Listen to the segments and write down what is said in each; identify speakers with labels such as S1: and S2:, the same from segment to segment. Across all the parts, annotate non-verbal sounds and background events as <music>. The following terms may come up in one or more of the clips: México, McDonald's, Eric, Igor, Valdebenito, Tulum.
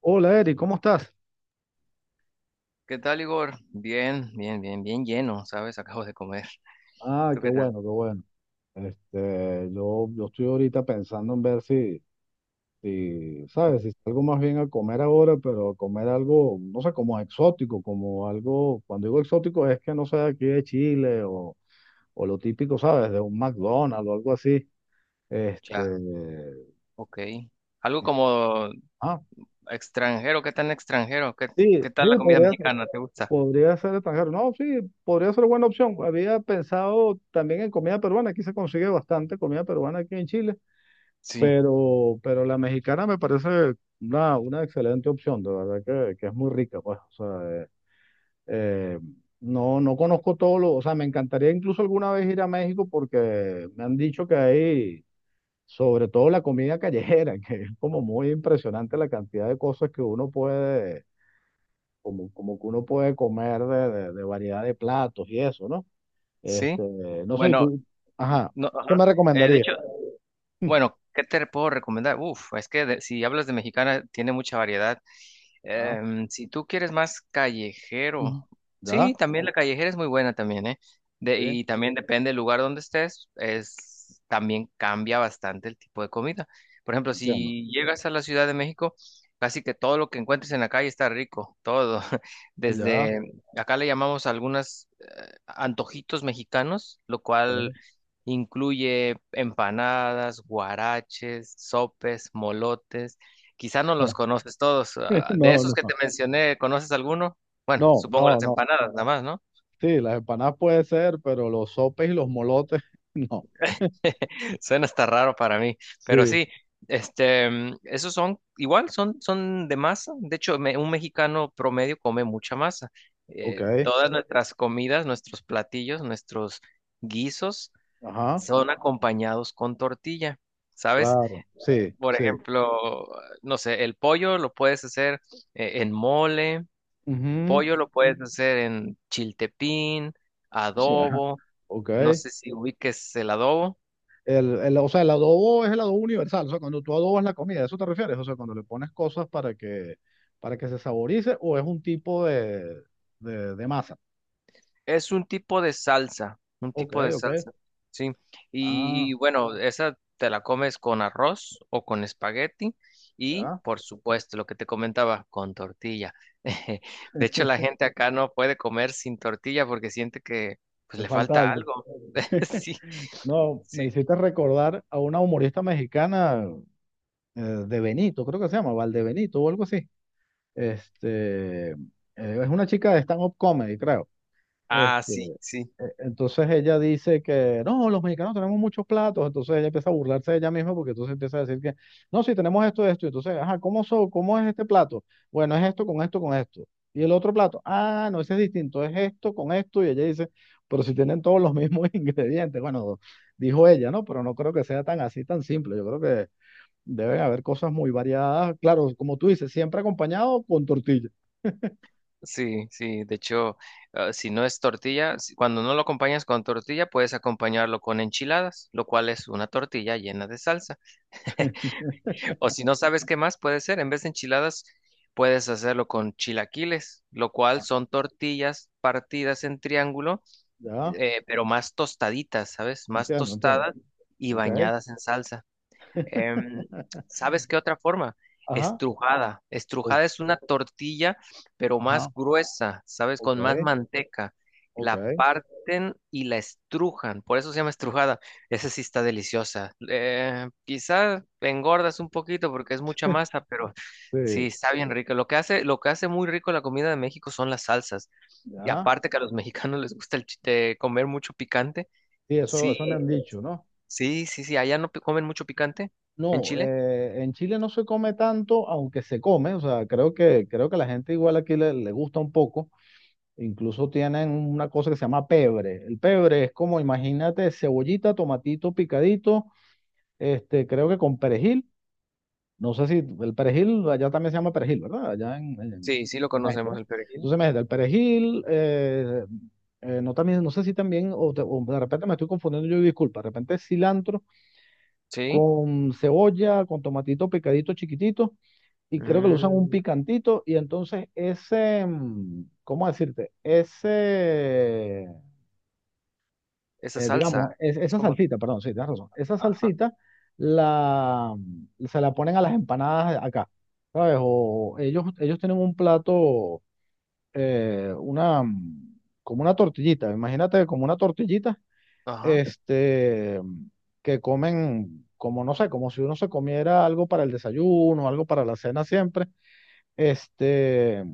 S1: Hola Eric, ¿cómo estás?
S2: ¿Qué tal, Igor? Bien, bien, bien, bien lleno, ¿sabes? <laughs> Acabo de comer.
S1: Ah,
S2: ¿Tú
S1: qué
S2: qué tal?
S1: bueno, qué bueno. Este, yo estoy ahorita pensando en ver si, ¿sabes? Si salgo más bien a comer ahora, pero a comer algo, no sé, como exótico, como algo, cuando digo exótico es que no sé, aquí de Chile o lo típico, ¿sabes? De un McDonald's o algo así.
S2: Sí.
S1: Este,
S2: Ah, ok. Algo como
S1: ah,
S2: extranjero, ¿qué tan extranjero? ¿Qué
S1: sí, sí,
S2: tal la comida
S1: podría ser,
S2: mexicana? ¿Te gusta?
S1: podría ser extranjero. No, sí, podría ser buena opción. Había pensado también en comida peruana, aquí se consigue bastante comida peruana aquí en Chile.
S2: Sí,
S1: Pero la mexicana me parece una excelente opción, de verdad que es muy rica, pues. O sea, eh, no conozco todo lo, o sea, me encantaría incluso alguna vez ir a México porque me han dicho que hay, sobre todo la comida callejera, <laughs> que es como muy impresionante la cantidad de cosas que uno puede, como que uno puede comer de variedad de platos y eso, ¿no? Este,
S2: sí.
S1: no sé, ¿y
S2: Bueno,
S1: tú? Ajá,
S2: no,
S1: ¿qué
S2: ajá.
S1: me
S2: De
S1: recomendarías?
S2: hecho,
S1: <laughs>
S2: bueno, ¿qué te puedo recomendar? Uf, es que si hablas de mexicana, tiene mucha variedad.
S1: ¿Ya?
S2: Si tú quieres más
S1: Ujú.
S2: callejero, sí,
S1: ¿Ya?
S2: también la callejera es muy buena también, ¿eh? De-
S1: Sí,
S2: y también depende del lugar donde estés, también cambia bastante el tipo de comida. Por ejemplo,
S1: entiendo.
S2: si llegas a la Ciudad de México, casi que todo lo que encuentres en la calle está rico, todo. <laughs>
S1: Ya.
S2: Desde acá le llamamos algunos antojitos mexicanos, lo
S1: Ok.
S2: cual incluye empanadas, guaraches, sopes, molotes. Quizá no los conoces todos.
S1: <laughs>
S2: Ah, de
S1: No,
S2: esos que te
S1: no,
S2: mencioné, ¿conoces alguno? Bueno,
S1: no,
S2: supongo
S1: no,
S2: las
S1: no.
S2: empanadas, nada más, ¿no?
S1: Sí, las empanadas puede ser, pero los sopes y los molotes, <laughs> no.
S2: <laughs> Suena hasta raro para mí, pero
S1: Sí,
S2: sí, esos son igual, son de masa. De hecho, un mexicano promedio come mucha masa.
S1: ok.
S2: Todas nuestras comidas, nuestros platillos, nuestros guisos
S1: Ajá,
S2: son acompañados con tortilla, ¿sabes?
S1: claro, sí,
S2: Por
S1: sí.
S2: ejemplo, no sé, el pollo lo puedes hacer en mole.
S1: Ujú,
S2: Pollo lo puedes hacer en chiltepín,
S1: sí, ajá,
S2: adobo,
S1: ok.
S2: no sé si ubiques el adobo.
S1: O sea, el adobo es el adobo universal. O sea, cuando tú adobas la comida, ¿a eso te refieres? O sea, cuando le pones cosas para que se saborice, o es un tipo de masa.
S2: Es un tipo de salsa, un
S1: Ok,
S2: tipo de
S1: ok.
S2: salsa, sí. Y
S1: Ah,
S2: bueno, esa te la comes con arroz o con espagueti y,
S1: ya.
S2: por supuesto, lo que te comentaba, con tortilla. <laughs> De hecho, la gente acá no puede comer sin tortilla porque siente que pues
S1: Me
S2: le
S1: falta
S2: falta
S1: algo.
S2: algo. <laughs> Sí,
S1: No, me
S2: sí.
S1: hiciste recordar a una humorista mexicana, de Benito, creo que se llama Valdebenito o algo así. Este, es una chica de stand-up comedy, creo.
S2: Ah,
S1: Este.
S2: sí, sí.
S1: Entonces ella dice que no, los mexicanos tenemos muchos platos, entonces ella empieza a burlarse de ella misma porque entonces empieza a decir que no, sí, tenemos esto, esto, entonces, ajá, ¿cómo, cómo es este plato? Bueno, es esto con esto, con esto. Y el otro plato, ah, no, ese es distinto, es esto con esto, y ella dice, pero si tienen todos los mismos <laughs> ingredientes, bueno, dijo ella, ¿no? Pero no creo que sea tan así, tan simple, yo creo que deben haber cosas muy variadas, claro, como tú dices, siempre acompañado con tortilla.
S2: Sí, sí, de hecho, si no es tortilla, cuando no lo acompañas con tortilla, puedes acompañarlo con enchiladas, lo cual es una tortilla llena de salsa.
S1: <laughs>
S2: O si no sabes qué más puede ser, en vez de enchiladas, puedes hacerlo con chilaquiles, lo cual
S1: Ah,
S2: son tortillas partidas en triángulo,
S1: ya,
S2: pero más tostaditas, ¿sabes? Más
S1: entiendo, entiendo.
S2: tostadas y
S1: Ok.
S2: bañadas en salsa. Em,
S1: <laughs>
S2: ¿sabes qué otra forma?
S1: Ajá,
S2: Estrujada.
S1: o-
S2: Estrujada es una tortilla, pero más
S1: ajá,
S2: gruesa, ¿sabes? Con más
S1: ok,
S2: manteca.
S1: ok,
S2: La parten y la estrujan, por eso se llama estrujada. Esa sí está deliciosa. Quizás engordas un poquito porque es mucha masa, pero sí,
S1: sí,
S2: está bien rica. Lo que hace muy rico la comida de México son las salsas. Y
S1: ya,
S2: aparte que a los <laughs> mexicanos les gusta comer mucho picante.
S1: sí, eso,
S2: Sí,
S1: eso me han dicho, ¿no?
S2: sí, sí, sí. Allá no comen mucho picante en
S1: No,
S2: Chile.
S1: en Chile no se come tanto, aunque se come, o sea, creo que la gente igual aquí le gusta un poco, incluso tienen una cosa que se llama pebre, el pebre es como, imagínate, cebollita, tomatito picadito, este, creo que con perejil. No sé si el perejil, allá también se llama perejil, ¿verdad? Allá en
S2: Sí, sí lo
S1: México,
S2: conocemos
S1: ¿verdad?
S2: el perejil.
S1: Entonces, imagínate, el perejil, no, también, no sé si también, o de repente me estoy confundiendo, yo y disculpa, de repente es cilantro
S2: Sí.
S1: con cebolla, con tomatito picadito chiquitito, y creo que lo usan un
S2: Mm,
S1: picantito, y entonces ese, ¿cómo decirte? Ese
S2: esa
S1: digamos,
S2: salsa es
S1: esa
S2: como.
S1: salsita, perdón, sí, tienes razón. Esa
S2: Ajá,
S1: salsita la, se la ponen a las empanadas acá, ¿sabes? O ellos tienen un plato, como una tortillita, imagínate como una tortillita,
S2: ajá.
S1: este, que comen, como no sé, como si uno se comiera algo para el desayuno, algo para la cena siempre. Este,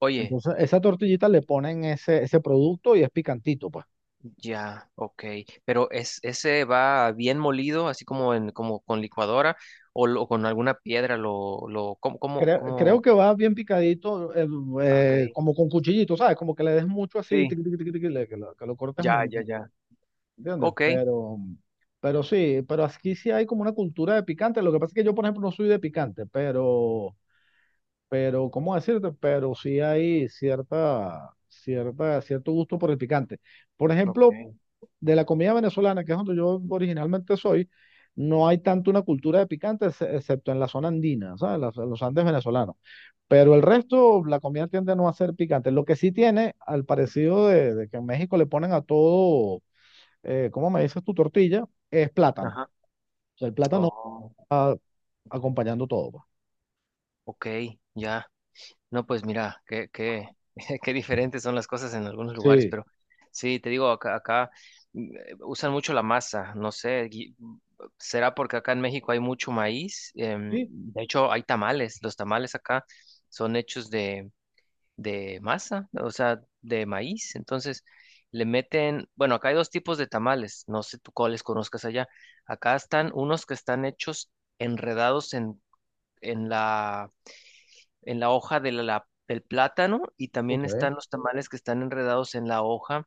S2: Oye,
S1: entonces, esa tortillita le ponen ese producto y es picantito, pues.
S2: ya, ok. Pero ese va bien molido, así como como con licuadora o, con alguna piedra, ¿cómo, cómo,
S1: Creo
S2: cómo?
S1: que va bien picadito,
S2: Ah, ok.
S1: como con cuchillito, ¿sabes? Como que le des mucho así,
S2: Sí,
S1: tiqui, tiqui, tiqui, tiqui, que lo cortes
S2: ya,
S1: mucho,
S2: ya, ya.
S1: ¿entiendes?
S2: Ok,
S1: Pero sí, pero aquí sí hay como una cultura de picante. Lo que pasa es que yo, por ejemplo, no soy de picante, ¿cómo decirte? Pero sí hay cierto gusto por el picante. Por
S2: ok.
S1: ejemplo, de la comida venezolana, que es donde yo originalmente soy, no hay tanto una cultura de picante, excepto en la zona andina, ¿sabes? Los Andes venezolanos. Pero el resto, la comida tiende no a ser picante. Lo que sí tiene, al parecido de que en México le ponen a todo, ¿cómo me dices tu tortilla? Es plátano.
S2: Ajá.
S1: O sea, el plátano
S2: Oh,
S1: va acompañando todo, pues.
S2: ok, ya. No, pues mira, <laughs> qué diferentes son las cosas en algunos lugares,
S1: Sí,
S2: pero sí, te digo, acá, usan mucho la masa, no sé, será porque acá en México hay mucho maíz,
S1: sí,
S2: de hecho hay tamales. Los tamales acá son hechos de masa, o sea, de maíz. Entonces le meten, bueno, acá hay dos tipos de tamales, no sé tú cuáles conozcas allá. Acá están unos que están hechos enredados en la en la hoja del plátano y también
S1: ok.
S2: están los tamales que están enredados en la hoja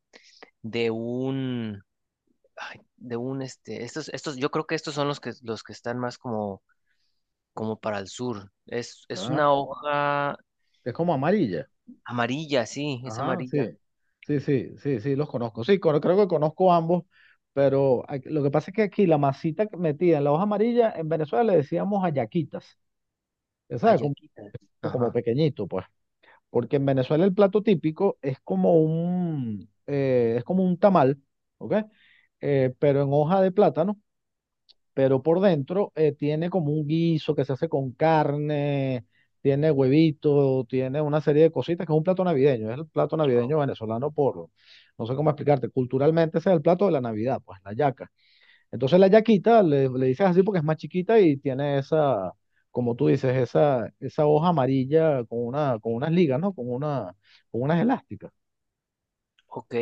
S2: de un, ay, de un, este, estos, yo creo que estos son los que están más como, como para el sur. Es
S1: Ah,
S2: una hoja
S1: es como amarilla.
S2: amarilla, sí, es
S1: Ajá, sí.
S2: amarilla.
S1: Sí, sí, sí, sí, los conozco. Sí, creo que conozco ambos, pero lo que pasa es que aquí la masita que metida en la hoja amarilla, en Venezuela le decíamos ayaquitas. ¿Sabes? Como,
S2: Ayaquita.
S1: como
S2: Ajá.
S1: pequeñito, pues. Porque en Venezuela el plato típico es como un tamal, ¿ok? Pero en hoja de plátano, pero por dentro tiene como un guiso que se hace con carne, tiene huevito, tiene una serie de cositas, que es un plato navideño, es el plato navideño venezolano por, no sé cómo explicarte, culturalmente ese es el plato de la Navidad, pues la yaca. Entonces la yaquita le dices así porque es más chiquita y tiene esa, como tú dices, esa hoja amarilla con una, con unas ligas, ¿no? Con unas elásticas.
S2: Ok,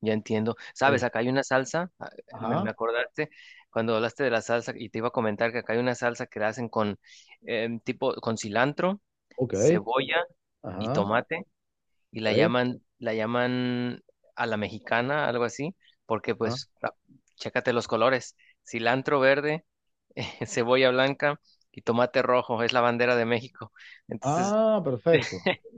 S2: ya entiendo. Sabes,
S1: Eh,
S2: acá hay una salsa, me
S1: ajá,
S2: acordaste cuando hablaste de la salsa y te iba a comentar que acá hay una salsa que la hacen con tipo con cilantro,
S1: ok,
S2: cebolla y
S1: ajá,
S2: tomate y la
S1: ok,
S2: llaman la llaman a la mexicana, algo así, porque
S1: ajá.
S2: pues chécate los colores, cilantro verde, <laughs> cebolla blanca y tomate rojo, es la bandera de México. Entonces
S1: Ah, perfecto.
S2: <laughs>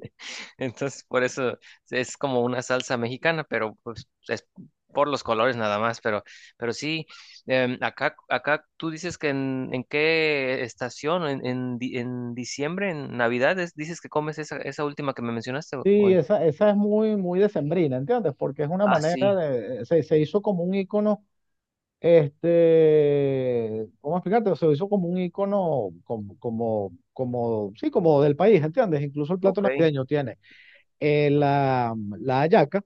S2: entonces, por eso es como una salsa mexicana, pero pues es por los colores nada más, pero sí, acá tú dices que en qué estación, en diciembre, en Navidad, dices que comes esa, esa última que me mencionaste.
S1: Sí, esa es muy, muy decembrina, ¿entiendes? Porque es una
S2: Ah,
S1: manera
S2: sí,
S1: se hizo como un icono, este, ¿cómo explicarte? Se hizo como un icono, sí, como del país, ¿entiendes? Incluso el plato
S2: ok.
S1: navideño tiene. eh, la, la hallaca,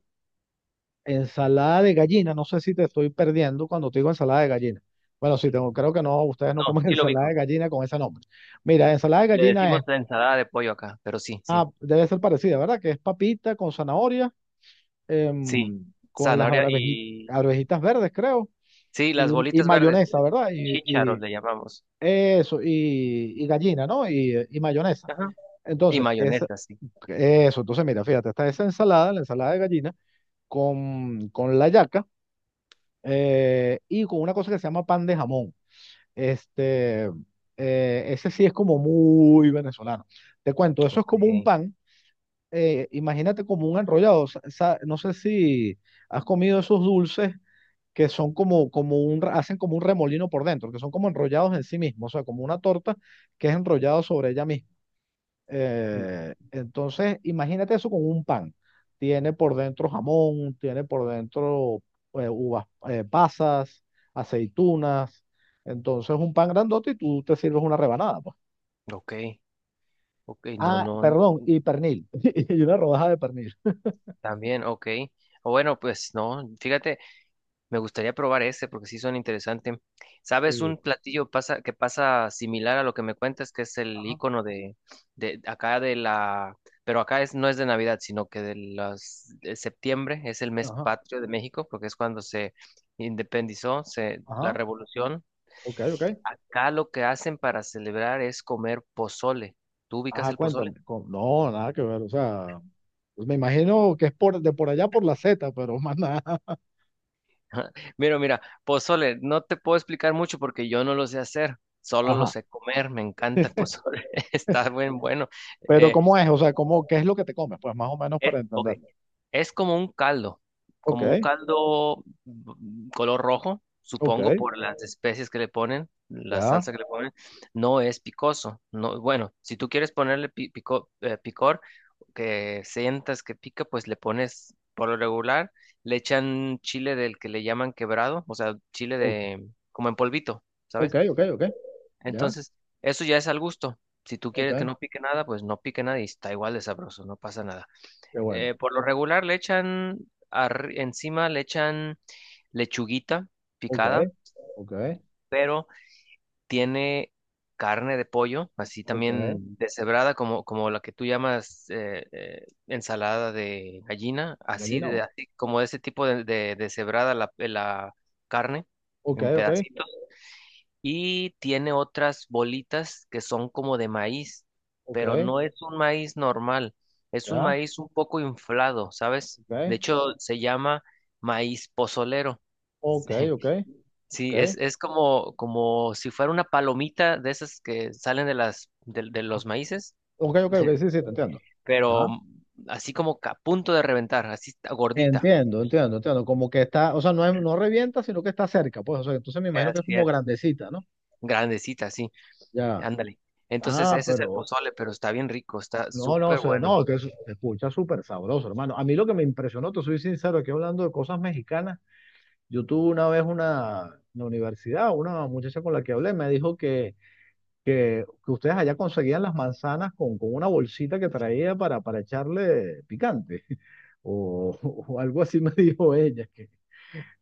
S1: ensalada de gallina, no sé si te estoy perdiendo cuando te digo ensalada de gallina. Bueno, sí, tengo, creo que no, ustedes no
S2: No,
S1: comen <laughs>
S2: sí lo
S1: ensalada de
S2: ubico.
S1: gallina con ese nombre. Mira, ensalada de
S2: Le
S1: gallina
S2: decimos
S1: es,
S2: ensalada de pollo acá, pero sí, sí,
S1: debe ser parecida, ¿verdad? Que es papita con zanahoria,
S2: sí.
S1: em, con las
S2: Zanahoria
S1: arvejitas,
S2: y.
S1: arvejitas verdes, creo,
S2: Sí,
S1: y,
S2: las
S1: y
S2: bolitas verdes,
S1: mayonesa, ¿verdad? Y,
S2: chícharos
S1: y
S2: le llamamos.
S1: eso, y gallina, ¿no? Y mayonesa.
S2: Ajá. Y
S1: Entonces,
S2: mayonesa, sí.
S1: eso, entonces mira, fíjate, está esa ensalada, la ensalada de gallina, con la yaca, y con una cosa que se llama pan de jamón. Este, ese sí es como muy venezolano. Te cuento, eso es
S2: Ok.
S1: como un pan, imagínate como un enrollado. No sé si has comido esos dulces que son como, hacen como un remolino por dentro, que son como enrollados en sí mismos, o sea, como una torta que es enrollado sobre ella misma.
S2: Mm.
S1: Entonces, imagínate eso con un pan. Tiene por dentro jamón, tiene por dentro uvas, pasas, aceitunas. Entonces, un pan grandote y tú te sirves una rebanada, pues.
S2: Ok. Ok, no,
S1: Ah,
S2: no,
S1: perdón, y pernil. <laughs> Y una rodaja de pernil.
S2: también, ok. O bueno, pues no, fíjate, me gustaría probar ese porque sí son interesantes. ¿Sabes
S1: Sí.
S2: un platillo que pasa similar a lo que me cuentas, que es el
S1: Ajá,
S2: icono de acá de la, pero acá no es de Navidad, sino que de septiembre es el mes
S1: ajá,
S2: patrio de México, porque es cuando se independizó, la
S1: ajá.
S2: revolución.
S1: Ok, ok.
S2: Acá lo que hacen para celebrar es comer pozole. ¿Tú ubicas
S1: Ajá,
S2: el pozole?
S1: cuéntame. No, nada que ver. O sea, pues me imagino que es por, de por allá por la Z, pero <laughs> más nada.
S2: <laughs> Mira, mira, pozole, no te puedo explicar mucho porque yo no lo sé hacer, solo lo
S1: Ajá.
S2: sé comer, me encanta el pozole, <laughs> está bien bueno.
S1: Pero,
S2: Eh,
S1: ¿cómo es? O sea, ¿cómo, qué es lo que te comes? Pues más o menos
S2: eh,
S1: para
S2: ok,
S1: entender.
S2: es como un
S1: Ok.
S2: caldo color rojo,
S1: Ok,
S2: supongo por las especies que le ponen, la salsa
S1: ya.
S2: que le ponen. No es picoso. No, bueno, si tú quieres ponerle picor, que sientas que pica, pues le pones por lo regular, le echan chile del que le llaman quebrado, o sea, chile
S1: o-
S2: de como en polvito,
S1: Ok,
S2: ¿sabes?
S1: ok, ok, ya.
S2: Entonces, eso ya es al gusto. Si tú
S1: Ok,
S2: quieres que no pique nada, pues no pique nada y está igual de sabroso, no pasa nada.
S1: qué bueno.
S2: Por lo regular encima le echan lechuguita
S1: Ok,
S2: picada,
S1: ok,
S2: pero tiene carne de pollo, así
S1: ok.
S2: también deshebrada, como la que tú llamas ensalada de gallina, así,
S1: Gallina,
S2: así como ese tipo de deshebrada la carne
S1: ok,
S2: en
S1: ok,
S2: pedacitos y tiene otras bolitas que son como de maíz, pero
S1: ok,
S2: no es un maíz normal, es un
S1: ya.
S2: maíz un poco inflado, ¿sabes?
S1: Ok,
S2: De hecho, se llama maíz pozolero.
S1: ok,
S2: <laughs>
S1: ok,
S2: Sí, es,
S1: ok.
S2: es como, si fuera una palomita de esas que salen de
S1: Ah,
S2: los maíces,
S1: ok, ok, ok, sí, sí, te entiendo.
S2: pero
S1: Ajá.
S2: así como que a punto de reventar, así está gordita.
S1: Entiendo, entiendo, entiendo. Como que está, o sea, no, no revienta, sino que está cerca, pues. O sea, entonces me imagino que es
S2: Así
S1: como
S2: es.
S1: grandecita, ¿no?
S2: Grandecita, así,
S1: Ya.
S2: ándale. Entonces,
S1: Ah,
S2: ese es el
S1: pero
S2: pozole, pero está bien rico, está
S1: no, no,
S2: súper
S1: se,
S2: bueno.
S1: no, que es- se escucha súper sabroso, hermano. A mí lo que me impresionó, te soy sincero, aquí hablando de cosas mexicanas. Yo tuve una vez una, en la universidad, una muchacha con la que hablé, me dijo que, ustedes allá conseguían las manzanas con, una bolsita que traía para echarle picante, <laughs> o, o algo así me <laughs> dijo ella, que,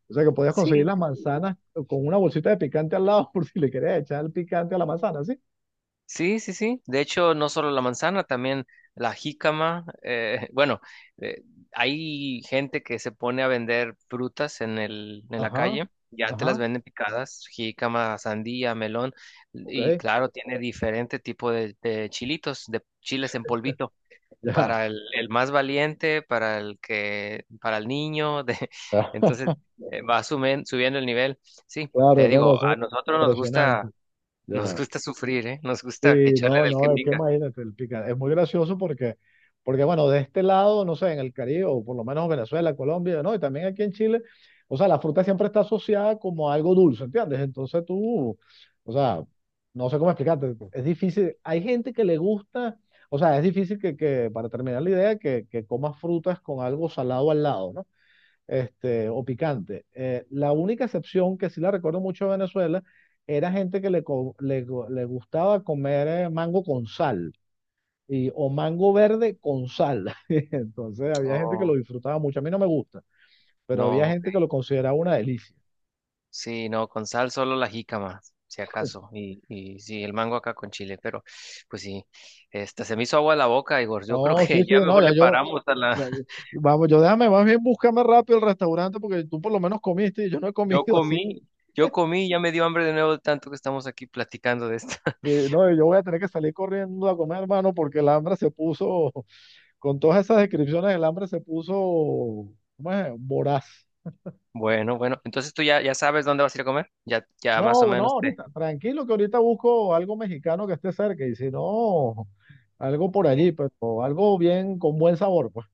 S1: o sea, que podías conseguir
S2: Sí.
S1: las manzanas con una bolsita de picante al lado <laughs> por si le querías echar el picante a la manzana, ¿sí?
S2: Sí, sí, sí. De hecho, no solo la manzana, también la jícama. <laughs> Bueno, eh, hay gente que se pone a vender frutas en el, en la
S1: Ajá,
S2: calle. Ya te las
S1: ajá,
S2: venden picadas, jícama, sandía, melón.
S1: ok,
S2: Y claro, tiene diferente tipo de chilitos, de chiles en polvito.
S1: ya.
S2: Para el más valiente, para el niño. <laughs> Entonces,
S1: <laughs>
S2: va subiendo el nivel. Sí,
S1: Claro,
S2: te
S1: no, no,
S2: digo,
S1: son
S2: a nosotros nos gusta.
S1: impresionantes.
S2: Nos
S1: Ya.
S2: gusta sufrir, ¿eh? Nos gusta que
S1: Sí,
S2: echarle
S1: no,
S2: del que
S1: no, es que
S2: pica.
S1: imagínate, el pica, es muy gracioso porque bueno, de este lado, no sé, en el Caribe, o por lo menos Venezuela, Colombia, ¿no? Y también aquí en Chile, o sea, la fruta siempre está asociada como a algo dulce, ¿entiendes? Entonces tú, o sea, no sé cómo explicarte, es difícil, hay gente que le gusta, o sea, es difícil que para terminar la idea, que comas frutas con algo salado al lado, ¿no? Este, o picante. La única excepción que sí la recuerdo mucho de Venezuela era gente que le, co- le, go- le gustaba comer mango con sal y, o mango verde con sal. <laughs> Entonces había gente que lo
S2: Oh,
S1: disfrutaba mucho. A mí no me gusta, pero había
S2: no, ok.
S1: gente que lo consideraba una delicia.
S2: Sí, no, con sal solo la jícama, si
S1: <laughs>
S2: acaso. Y sí, el mango acá con chile, pero pues sí, esta se me hizo agua la boca, Igor. Yo creo
S1: No,
S2: que
S1: sí, sí,
S2: ya
S1: no,
S2: mejor
S1: ya
S2: le
S1: yo,
S2: paramos a la.
S1: ya-
S2: <laughs>
S1: vamos, yo déjame más bien búscame rápido el restaurante porque tú por lo menos comiste y yo no he
S2: Yo
S1: comido, así
S2: comí, yo comí, ya me dio hambre de nuevo de tanto que estamos aquí platicando de esto.
S1: que
S2: <laughs>
S1: sí, no, yo voy a tener que salir corriendo a comer, hermano, porque el hambre se puso. Con todas esas descripciones, el hambre se puso, ¿cómo es? Voraz.
S2: Bueno, bueno, entonces tú ya, sabes dónde vas a ir a comer. Ya, ya más o
S1: No, no,
S2: menos te.
S1: ahorita, tranquilo que ahorita busco algo mexicano que esté cerca y si no, algo por allí, pero algo bien con buen sabor, pues.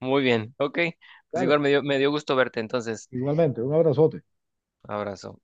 S2: Muy bien, ok. Pues
S1: Dale,
S2: Igor, me dio gusto verte, entonces,
S1: igualmente, un abrazote.
S2: abrazo.